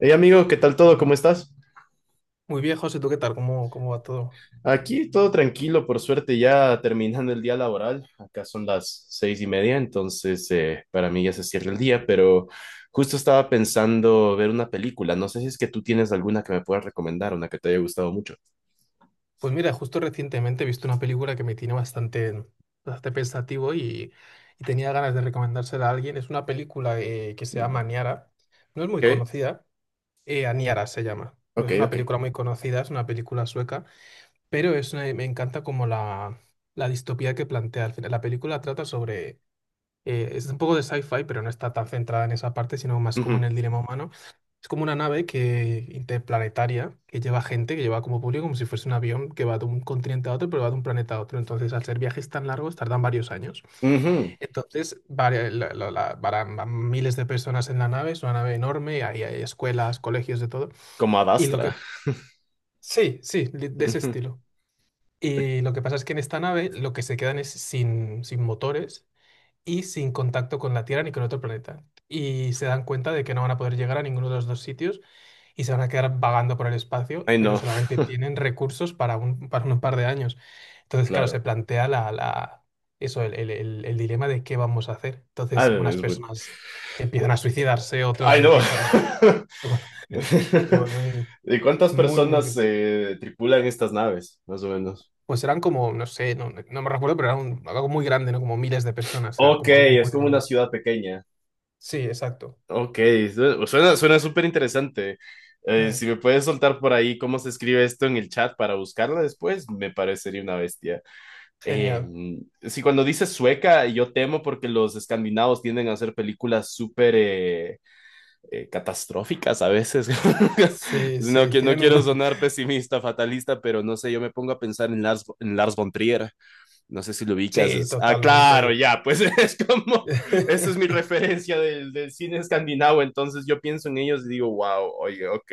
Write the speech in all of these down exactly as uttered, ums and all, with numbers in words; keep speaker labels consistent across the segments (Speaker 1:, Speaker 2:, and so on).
Speaker 1: Hey amigo, ¿qué tal todo? ¿Cómo estás?
Speaker 2: Muy bien, José, ¿tú qué tal? ¿Cómo, cómo va todo?
Speaker 1: Aquí todo tranquilo, por suerte, ya terminando el día laboral. Acá son las seis y media, entonces eh, para mí ya se cierra el día, pero justo estaba pensando ver una película. No sé si es que tú tienes alguna que me puedas recomendar, una que te haya gustado mucho.
Speaker 2: Pues mira, justo recientemente he visto una película que me tiene bastante, bastante pensativo y, y tenía ganas de recomendársela a alguien. Es una película eh, que se llama
Speaker 1: Mm.
Speaker 2: Aniara. No es
Speaker 1: Ok,
Speaker 2: muy conocida. eh, Aniara se llama. No
Speaker 1: ok,
Speaker 2: es una
Speaker 1: ok.
Speaker 2: película muy conocida, es una película sueca, pero es una- me encanta como la, la distopía que plantea. Al final, la película trata sobre eh, es un poco de sci-fi, pero no está tan centrada en esa parte, sino más como en
Speaker 1: Ujú,
Speaker 2: el dilema humano. Es como una nave que, interplanetaria que lleva gente, que lleva como público, como si fuese un avión que va de un continente a otro, pero va de un planeta a otro. Entonces, al ser viajes tan largos, tardan varios años.
Speaker 1: ujú.
Speaker 2: Entonces, vari- la- la- la- varán- van miles de personas en la nave, es una nave enorme, ahí hay escuelas, colegios, de todo.
Speaker 1: Como
Speaker 2: Y lo que.
Speaker 1: Adastra.
Speaker 2: Sí, sí, li- de ese
Speaker 1: Ujú.
Speaker 2: estilo. Y lo que pasa es que en esta nave lo que se quedan es sin, sin motores y sin contacto con la Tierra ni con otro planeta. Y se dan cuenta de que no van a poder llegar a ninguno de los dos sitios y se van a quedar vagando por el espacio,
Speaker 1: Ay,
Speaker 2: pero
Speaker 1: no,
Speaker 2: solamente tienen recursos para un, para un par de años. Entonces, claro, se
Speaker 1: claro.
Speaker 2: plantea la, la, eso, el, el- el- el dilema de qué vamos a hacer.
Speaker 1: Ah,
Speaker 2: Entonces, unas
Speaker 1: es bu-
Speaker 2: personas empiezan a suicidarse, otros
Speaker 1: Ay, no.
Speaker 2: empiezan a. Bueno, se vuelve
Speaker 1: ¿Y cuántas
Speaker 2: es muy, muy.
Speaker 1: personas
Speaker 2: gr-
Speaker 1: eh, tripulan estas naves, más o menos?
Speaker 2: Pues eran como, no sé, no, no me recuerdo, pero era un- algo muy grande, ¿no? Como miles de personas, era
Speaker 1: Ok,
Speaker 2: como algo
Speaker 1: es
Speaker 2: muy
Speaker 1: como una
Speaker 2: grande.
Speaker 1: ciudad pequeña.
Speaker 2: Sí, exacto.
Speaker 1: Ok, su- suena, suena súper interesante. Eh,
Speaker 2: Mm.
Speaker 1: si me puedes soltar por ahí cómo se escribe esto en el chat para buscarla después, me parecería una bestia. Eh,
Speaker 2: Genial.
Speaker 1: si cuando dices sueca, yo temo porque los escandinavos tienden a hacer películas súper eh, eh, catastróficas a veces.
Speaker 2: Sí,
Speaker 1: No,
Speaker 2: sí,
Speaker 1: que no
Speaker 2: tienen un.
Speaker 1: quiero sonar pesimista, fatalista, pero no sé, yo me pongo a pensar en Lars, en Lars von Trier. No sé si lo ubicas.
Speaker 2: Sí,
Speaker 1: es- Ah, claro,
Speaker 2: totalmente.
Speaker 1: ya, pues es como, esa es mi referencia del, del cine escandinavo, entonces yo pienso en ellos y digo, wow, oye, ok,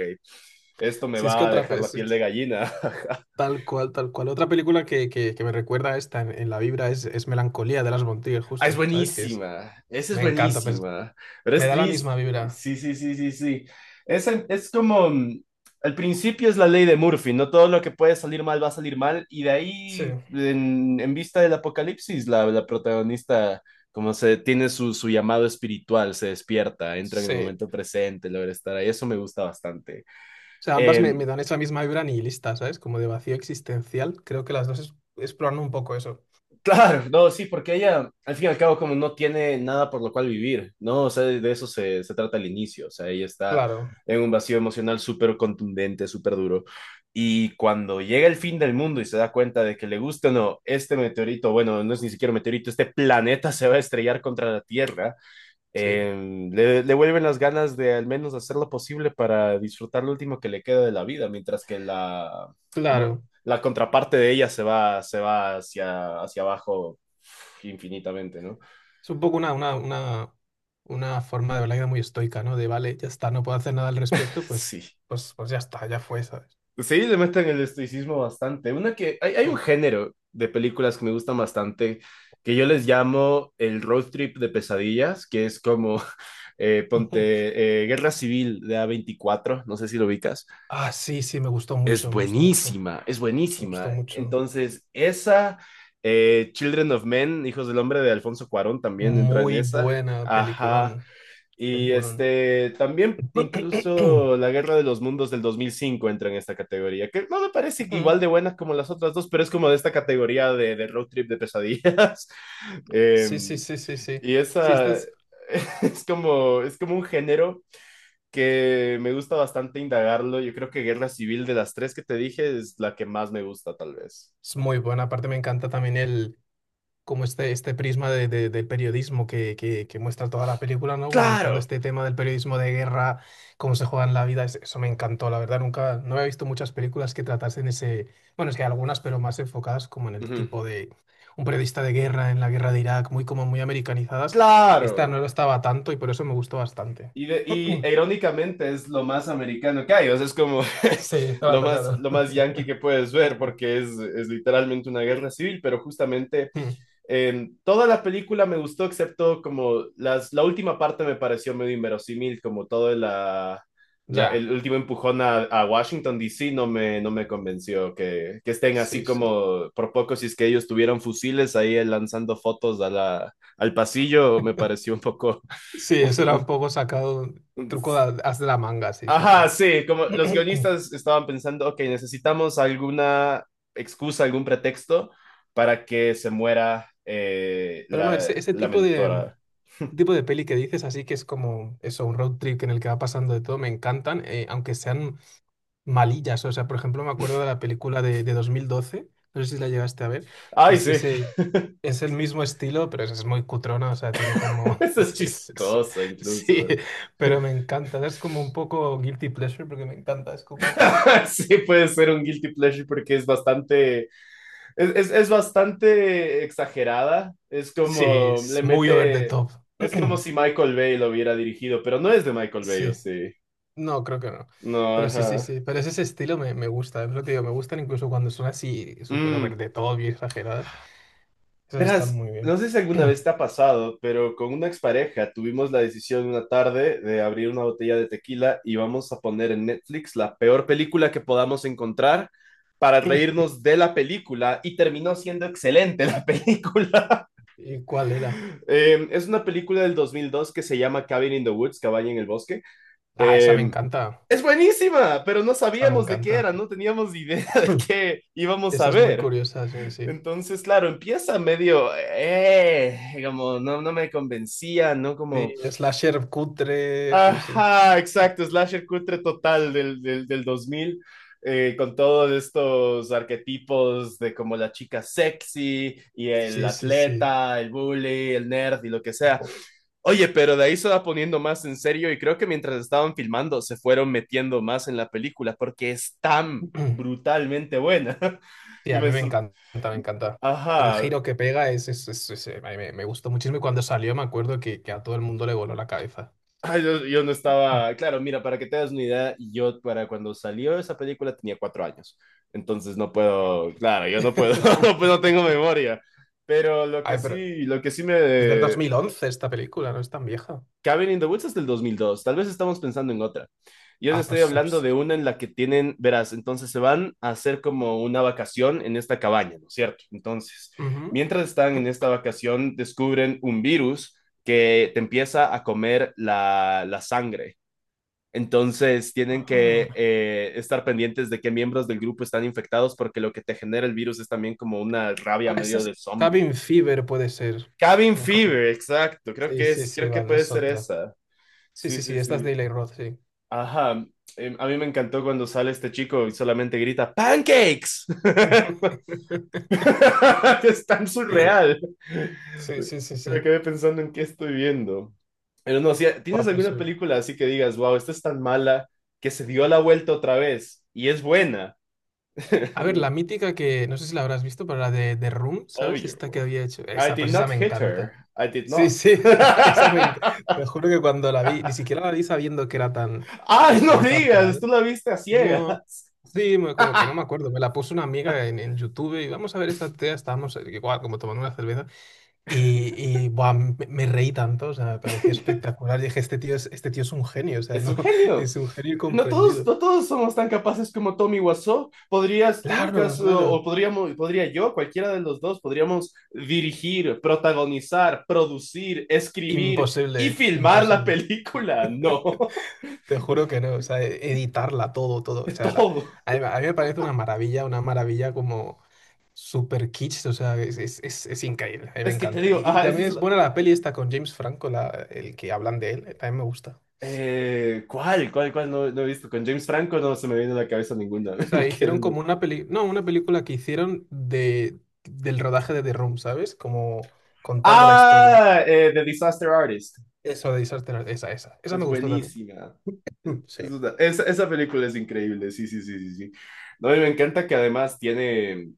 Speaker 1: esto me
Speaker 2: Si es que
Speaker 1: va a
Speaker 2: otra.
Speaker 1: dejar
Speaker 2: Pe-
Speaker 1: la
Speaker 2: es-
Speaker 1: piel de
Speaker 2: es
Speaker 1: gallina.
Speaker 2: Tal cual, tal cual. Otra película que, que, que me recuerda a esta en, en la vibra es, es Melancolía de las Bontigas,
Speaker 1: Ah, es
Speaker 2: justo, ¿sabes? Que es.
Speaker 1: buenísima,
Speaker 2: es-
Speaker 1: esa es
Speaker 2: Me encanta, pues
Speaker 1: buenísima, pero
Speaker 2: me
Speaker 1: es
Speaker 2: da la
Speaker 1: triste.
Speaker 2: misma vibra.
Speaker 1: Sí, sí, sí, sí, sí. Esa es como, mm, al principio es la ley de Murphy, no todo lo que puede salir mal va a salir mal, y de
Speaker 2: Sí,
Speaker 1: ahí, en, en vista del apocalipsis, la, la protagonista, como se tiene su, su llamado espiritual, se despierta, entra en el
Speaker 2: sí.
Speaker 1: momento presente, logra estar ahí, eso me gusta bastante.
Speaker 2: O sea, ambas me,
Speaker 1: Em,
Speaker 2: me dan esa misma vibra nihilista, ¿sabes? Como de vacío existencial. Creo que las dos es- exploran un poco eso.
Speaker 1: Claro, no, sí, porque ella, al fin y al cabo, como no tiene nada por lo cual vivir, ¿no? O sea, de de eso se, se trata al inicio, o sea, ella está
Speaker 2: Claro,
Speaker 1: en un vacío emocional súper contundente, súper duro, y cuando llega el fin del mundo y se da cuenta de que le gusta o no, este meteorito, bueno, no es ni siquiera un meteorito, este planeta se va a estrellar contra la Tierra,
Speaker 2: sí.
Speaker 1: em, le, le vuelven las ganas de al menos hacer lo posible para disfrutar lo último que le queda de la vida, mientras que la, como,
Speaker 2: Claro.
Speaker 1: la contraparte de ella se va, se va hacia, hacia abajo infinitamente, ¿no?
Speaker 2: Es un poco una, una, una, una forma de ver la vida muy estoica, ¿no? De vale, ya está, no puedo hacer nada al respecto, pues,
Speaker 1: Sí.
Speaker 2: pues, pues ya está, ya fue, ¿sabes?
Speaker 1: Sí, le meten el estoicismo bastante. Una que, hay, hay un género de películas que me gustan bastante, que yo les llamo el road trip de pesadillas, que es como, eh,
Speaker 2: Mm.
Speaker 1: ponte, eh, Guerra Civil de a veinticuatro no sé si lo ubicas.
Speaker 2: Ah, sí, sí, me gustó
Speaker 1: Es
Speaker 2: mucho, me gustó mucho,
Speaker 1: buenísima, es
Speaker 2: me gustó
Speaker 1: buenísima.
Speaker 2: mucho.
Speaker 1: Entonces, esa, eh, Children of Men, Hijos del Hombre de Alfonso Cuarón, también entra en
Speaker 2: Muy
Speaker 1: esa.
Speaker 2: buena
Speaker 1: Ajá.
Speaker 2: peliculón,
Speaker 1: Y
Speaker 2: peliculón.
Speaker 1: este, también incluso La Guerra de los Mundos del dos mil cinco entra en esta categoría, que no me parece igual
Speaker 2: Ujú.
Speaker 1: de buena como las otras dos, pero es como de esta categoría de, de, road trip de pesadillas. eh,
Speaker 2: Sí, sí, sí, sí, sí.
Speaker 1: y
Speaker 2: Sí, esta
Speaker 1: esa
Speaker 2: es,
Speaker 1: es como, es como un género que me gusta bastante indagarlo. Yo creo que Guerra Civil de las tres que te dije es la que más me gusta, tal vez.
Speaker 2: es muy buena. Aparte me encanta también el, como este, este prisma de- de- del periodismo que, que, que muestra toda la película, ¿no? Como mostrando
Speaker 1: Claro.
Speaker 2: este tema del periodismo de guerra, cómo se juega en la vida, es- eso me encantó, la verdad, nunca, no había visto muchas películas que tratasen ese, bueno, es que hay algunas, pero más enfocadas como en el
Speaker 1: Ujú.
Speaker 2: tipo de un periodista de guerra, en la guerra de Irak, muy como muy americanizadas. Esta no
Speaker 1: Claro.
Speaker 2: lo estaba tanto y por eso me gustó bastante.
Speaker 1: Y, de- y e, irónicamente es lo más americano que hay, o sea, es como
Speaker 2: Sí,
Speaker 1: lo
Speaker 2: claro,
Speaker 1: más,
Speaker 2: claro.
Speaker 1: lo más yankee que puedes ver, porque es, es literalmente una guerra civil, pero justamente em, toda la película me gustó, excepto como las, la última parte me pareció medio inverosímil, como todo la, la-
Speaker 2: Ya,
Speaker 1: el último empujón a, a Washington, D C. no me, no me convenció que, que estén así
Speaker 2: sí, sí.
Speaker 1: como por poco, si es que ellos tuvieran fusiles ahí lanzando fotos a la, al pasillo, me pareció un poco...
Speaker 2: Sí, eso era un
Speaker 1: un-
Speaker 2: poco sacado,
Speaker 1: un-
Speaker 2: truco de, as de la manga, sí, sí,
Speaker 1: Ajá,
Speaker 2: sí.
Speaker 1: sí, como los guionistas estaban pensando, ok, necesitamos alguna excusa, algún pretexto para que se muera eh,
Speaker 2: Pero no,
Speaker 1: la,
Speaker 2: ese, ese
Speaker 1: la
Speaker 2: tipo de,
Speaker 1: mentora.
Speaker 2: tipo de peli que dices, así que es como eso, un road trip en el que va pasando de todo, me encantan, eh, aunque sean malillas. O sea, por ejemplo, me acuerdo de la película de, de dos mil doce, no sé si la llegaste a ver, que
Speaker 1: Ay,
Speaker 2: es
Speaker 1: sí,
Speaker 2: ese, es el mismo estilo, pero es, es muy cutrona, o sea, tiene como.
Speaker 1: eso es
Speaker 2: es- es- es-
Speaker 1: chistoso
Speaker 2: sí,
Speaker 1: incluso.
Speaker 2: pero me encanta, es como un poco guilty pleasure porque me encanta, es como.
Speaker 1: Sí, puede ser un guilty pleasure porque es bastante, es, es, es bastante exagerada, es
Speaker 2: Sí,
Speaker 1: como,
Speaker 2: es
Speaker 1: le
Speaker 2: muy over the
Speaker 1: mete,
Speaker 2: top.
Speaker 1: es como si Michael Bay lo hubiera dirigido, pero no es de Michael Bay, ¿o
Speaker 2: Sí.
Speaker 1: sí?
Speaker 2: No, creo que no.
Speaker 1: No,
Speaker 2: Pero sí, sí,
Speaker 1: ajá.
Speaker 2: sí. Pero es ese estilo me, me gusta. Es lo que digo, me gustan incluso cuando son así súper
Speaker 1: Mm.
Speaker 2: over the top y exageradas. Esas están
Speaker 1: Verás,
Speaker 2: muy
Speaker 1: no
Speaker 2: bien.
Speaker 1: sé si alguna vez te ha pasado, pero con una expareja tuvimos la decisión una tarde de abrir una botella de tequila y vamos a poner en Netflix la peor película que podamos encontrar para reírnos de la película y terminó siendo excelente la película.
Speaker 2: ¿Y cuál era?
Speaker 1: Eh, es una película del dos mil dos que se llama Cabin in the Woods, Cabaña en el Bosque.
Speaker 2: Ah, esa me
Speaker 1: Eh,
Speaker 2: encanta.
Speaker 1: es buenísima, pero no
Speaker 2: Esa me
Speaker 1: sabíamos de qué
Speaker 2: encanta.
Speaker 1: era, no teníamos idea de qué íbamos a
Speaker 2: Esa es muy
Speaker 1: ver.
Speaker 2: curiosa, sí, sí.
Speaker 1: Entonces, claro, empieza medio, eh, eh, como no, no me convencía, ¿no? Como,
Speaker 2: Sí, slasher cutre, sí, sí.
Speaker 1: ajá, exacto, slasher cutre total del, del, del dos mil, eh, con todos estos arquetipos de como la chica sexy y el
Speaker 2: Sí, sí, sí.
Speaker 1: atleta, el bully, el nerd y lo que sea.
Speaker 2: O.
Speaker 1: Oye, pero de ahí se va poniendo más en serio y creo que mientras estaban filmando se fueron metiendo más en la película porque es tan brutalmente buena.
Speaker 2: Sí,
Speaker 1: Y
Speaker 2: a mí
Speaker 1: me,
Speaker 2: me
Speaker 1: sor-
Speaker 2: encanta, me encanta. El
Speaker 1: Ajá.
Speaker 2: giro que pega es, es, es- es- eh, a mí me, me gustó muchísimo y cuando salió me acuerdo que, que a todo el mundo le voló la cabeza.
Speaker 1: Ay, yo, yo no estaba, claro, mira, para que te das una idea, yo para cuando salió esa película tenía cuatro años, entonces no
Speaker 2: Ah.
Speaker 1: puedo, claro, yo no puedo, no, pues no tengo memoria, pero lo que
Speaker 2: Ay, pero
Speaker 1: sí, lo que sí
Speaker 2: es del dos
Speaker 1: me...
Speaker 2: mil once esta película, no es tan vieja.
Speaker 1: Cabin in the Woods es del dos mil dos. Tal vez estamos pensando en otra. Yo les
Speaker 2: Ah,
Speaker 1: estoy
Speaker 2: pues no
Speaker 1: hablando de
Speaker 2: sé.
Speaker 1: una en la que tienen, verás, entonces se van a hacer como una vacación en esta cabaña, ¿no es cierto? Entonces,
Speaker 2: Ujú.
Speaker 1: mientras están en esta vacación, descubren un virus que te empieza a comer la, la sangre entonces tienen
Speaker 2: Ah,
Speaker 1: que eh, estar pendientes de qué miembros del grupo están infectados porque lo que te genera el virus es también como una rabia
Speaker 2: Ah, esa
Speaker 1: medio de
Speaker 2: es
Speaker 1: zombie.
Speaker 2: Cabin Fever, puede ser.
Speaker 1: Cabin
Speaker 2: No. Cabin-
Speaker 1: Fever, exacto. Creo
Speaker 2: Sí,
Speaker 1: que
Speaker 2: sí,
Speaker 1: es,
Speaker 2: sí,
Speaker 1: creo que
Speaker 2: vale,
Speaker 1: puede
Speaker 2: es
Speaker 1: ser
Speaker 2: otra.
Speaker 1: esa.
Speaker 2: Sí,
Speaker 1: Sí,
Speaker 2: sí,
Speaker 1: sí,
Speaker 2: sí, esta es de
Speaker 1: sí.
Speaker 2: Eli Roth, sí.
Speaker 1: Ajá. Eh, a mí me encantó cuando sale este chico y solamente grita ¡Pancakes! Es tan surreal.
Speaker 2: Sí, sí, sí,
Speaker 1: Me
Speaker 2: sí.
Speaker 1: quedé pensando en qué estoy viendo. Pero no, si tienes
Speaker 2: Buah, pues
Speaker 1: alguna
Speaker 2: eh,
Speaker 1: película así que digas, wow, esta es tan mala que se dio la vuelta otra vez y es buena.
Speaker 2: a ver,
Speaker 1: Digo,
Speaker 2: la mítica que no sé si la habrás visto, pero la de, de Room, ¿sabes? Esta que
Speaker 1: obvio.
Speaker 2: había hecho.
Speaker 1: I
Speaker 2: Esa,
Speaker 1: did
Speaker 2: pues esa
Speaker 1: not
Speaker 2: me
Speaker 1: hit her.
Speaker 2: encanta.
Speaker 1: I did
Speaker 2: Sí,
Speaker 1: not.
Speaker 2: sí, esa me encanta.
Speaker 1: Ah,
Speaker 2: Te juro que cuando la vi, ni siquiera la vi sabiendo que era tan. Que
Speaker 1: no
Speaker 2: como es arte,
Speaker 1: digas,
Speaker 2: ¿vale?
Speaker 1: tú la viste a
Speaker 2: No.
Speaker 1: ciegas.
Speaker 2: Sí, me- como que no me acuerdo. Me la puso una amiga en, en YouTube y vamos a ver esta tía. Estábamos eh, igual, como tomando una cerveza. Y, y buah, me, me reí tanto, o sea, me pareció espectacular. Y dije, este tío es, este tío es un genio, o sea,
Speaker 1: Es
Speaker 2: no,
Speaker 1: un genio.
Speaker 2: es un genio
Speaker 1: no todos,
Speaker 2: comprendido.
Speaker 1: no todos somos tan capaces como Tommy Wiseau. ¿Podrías tú,
Speaker 2: Claro,
Speaker 1: caso, o
Speaker 2: claro.
Speaker 1: podríamos, podría yo, cualquiera de los dos, podríamos dirigir, protagonizar, producir, escribir
Speaker 2: Imposible,
Speaker 1: y filmar la
Speaker 2: imposible.
Speaker 1: película? No,
Speaker 2: Te juro que no, o sea, e- editarla todo, todo.
Speaker 1: de
Speaker 2: O sea, la.
Speaker 1: todo.
Speaker 2: A mí, a mí me parece una maravilla, una maravilla como super kitsch, o sea, es, es, es, es increíble, a mí me
Speaker 1: Es que te
Speaker 2: encanta.
Speaker 1: digo,
Speaker 2: Y, y
Speaker 1: ah, esa
Speaker 2: también
Speaker 1: es
Speaker 2: es
Speaker 1: la...
Speaker 2: buena la peli esta con James Franco, la, el que hablan de él, eh, también me gusta.
Speaker 1: Eh, ¿Cuál? ¿Cuál? ¿Cuál? No, no he visto. Con James Franco no se me viene a la cabeza ninguna.
Speaker 2: O sea,
Speaker 1: Me quedo
Speaker 2: hicieron
Speaker 1: en
Speaker 2: como
Speaker 1: el-
Speaker 2: una peli, no, una película que hicieron de, del rodaje de The Room, ¿sabes? Como contando la historia.
Speaker 1: Ah, eh, The Disaster Artist.
Speaker 2: Eso de Disaster, Artist, esa, esa. Esa
Speaker 1: Es
Speaker 2: me gustó también.
Speaker 1: buenísima.
Speaker 2: Mm, sí.
Speaker 1: Es una- esa, esa película es increíble, sí, sí, sí, sí, sí. No, y me encanta que además tiene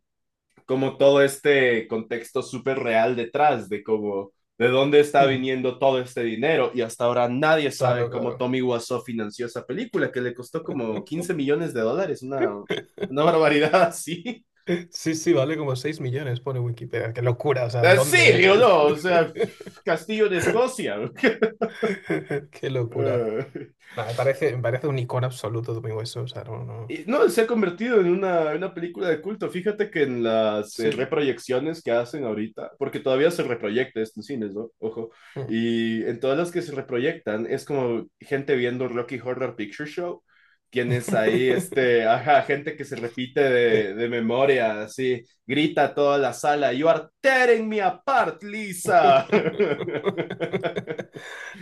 Speaker 1: como todo este contexto súper real detrás de cómo, de dónde está
Speaker 2: Mm,
Speaker 1: viniendo todo este dinero y hasta ahora nadie sabe
Speaker 2: claro,
Speaker 1: cómo
Speaker 2: claro.
Speaker 1: Tommy Wiseau financió esa película que le costó como quince millones de dólares, una, una, barbaridad así.
Speaker 2: Sí, sí, vale como seis millones, pone Wikipedia. Qué locura, o sea,
Speaker 1: ¿En
Speaker 2: ¿dónde?
Speaker 1: serio,
Speaker 2: ¿Es?
Speaker 1: no? O sea, Castillo de Escocia.
Speaker 2: Qué locura. Nah, me parece, me parece un icono absoluto de mi hueso, o sea, no, no.
Speaker 1: Y, No, se ha convertido en una, una película de culto. Fíjate que en las eh,
Speaker 2: Sí.
Speaker 1: reproyecciones que hacen ahorita, porque todavía se reproyecta esto en cines, ¿no? Ojo.
Speaker 2: Mm.
Speaker 1: Y en todas las que se reproyectan, es como gente viendo Rocky Horror Picture Show. Tienes ahí, este, ajá, gente que se repite de, de memoria, así, grita a toda la sala, You are tearing me apart, Lisa.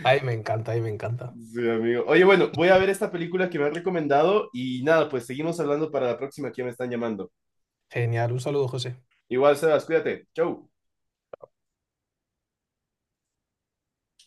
Speaker 2: Ay, me encanta, ay, me encanta.
Speaker 1: Sí, amigo. Oye, bueno, voy a ver esta película que me han recomendado y nada, pues seguimos hablando para la próxima que me están llamando.
Speaker 2: Genial, un saludo, José.
Speaker 1: Igual, Sebas, cuídate. Chau.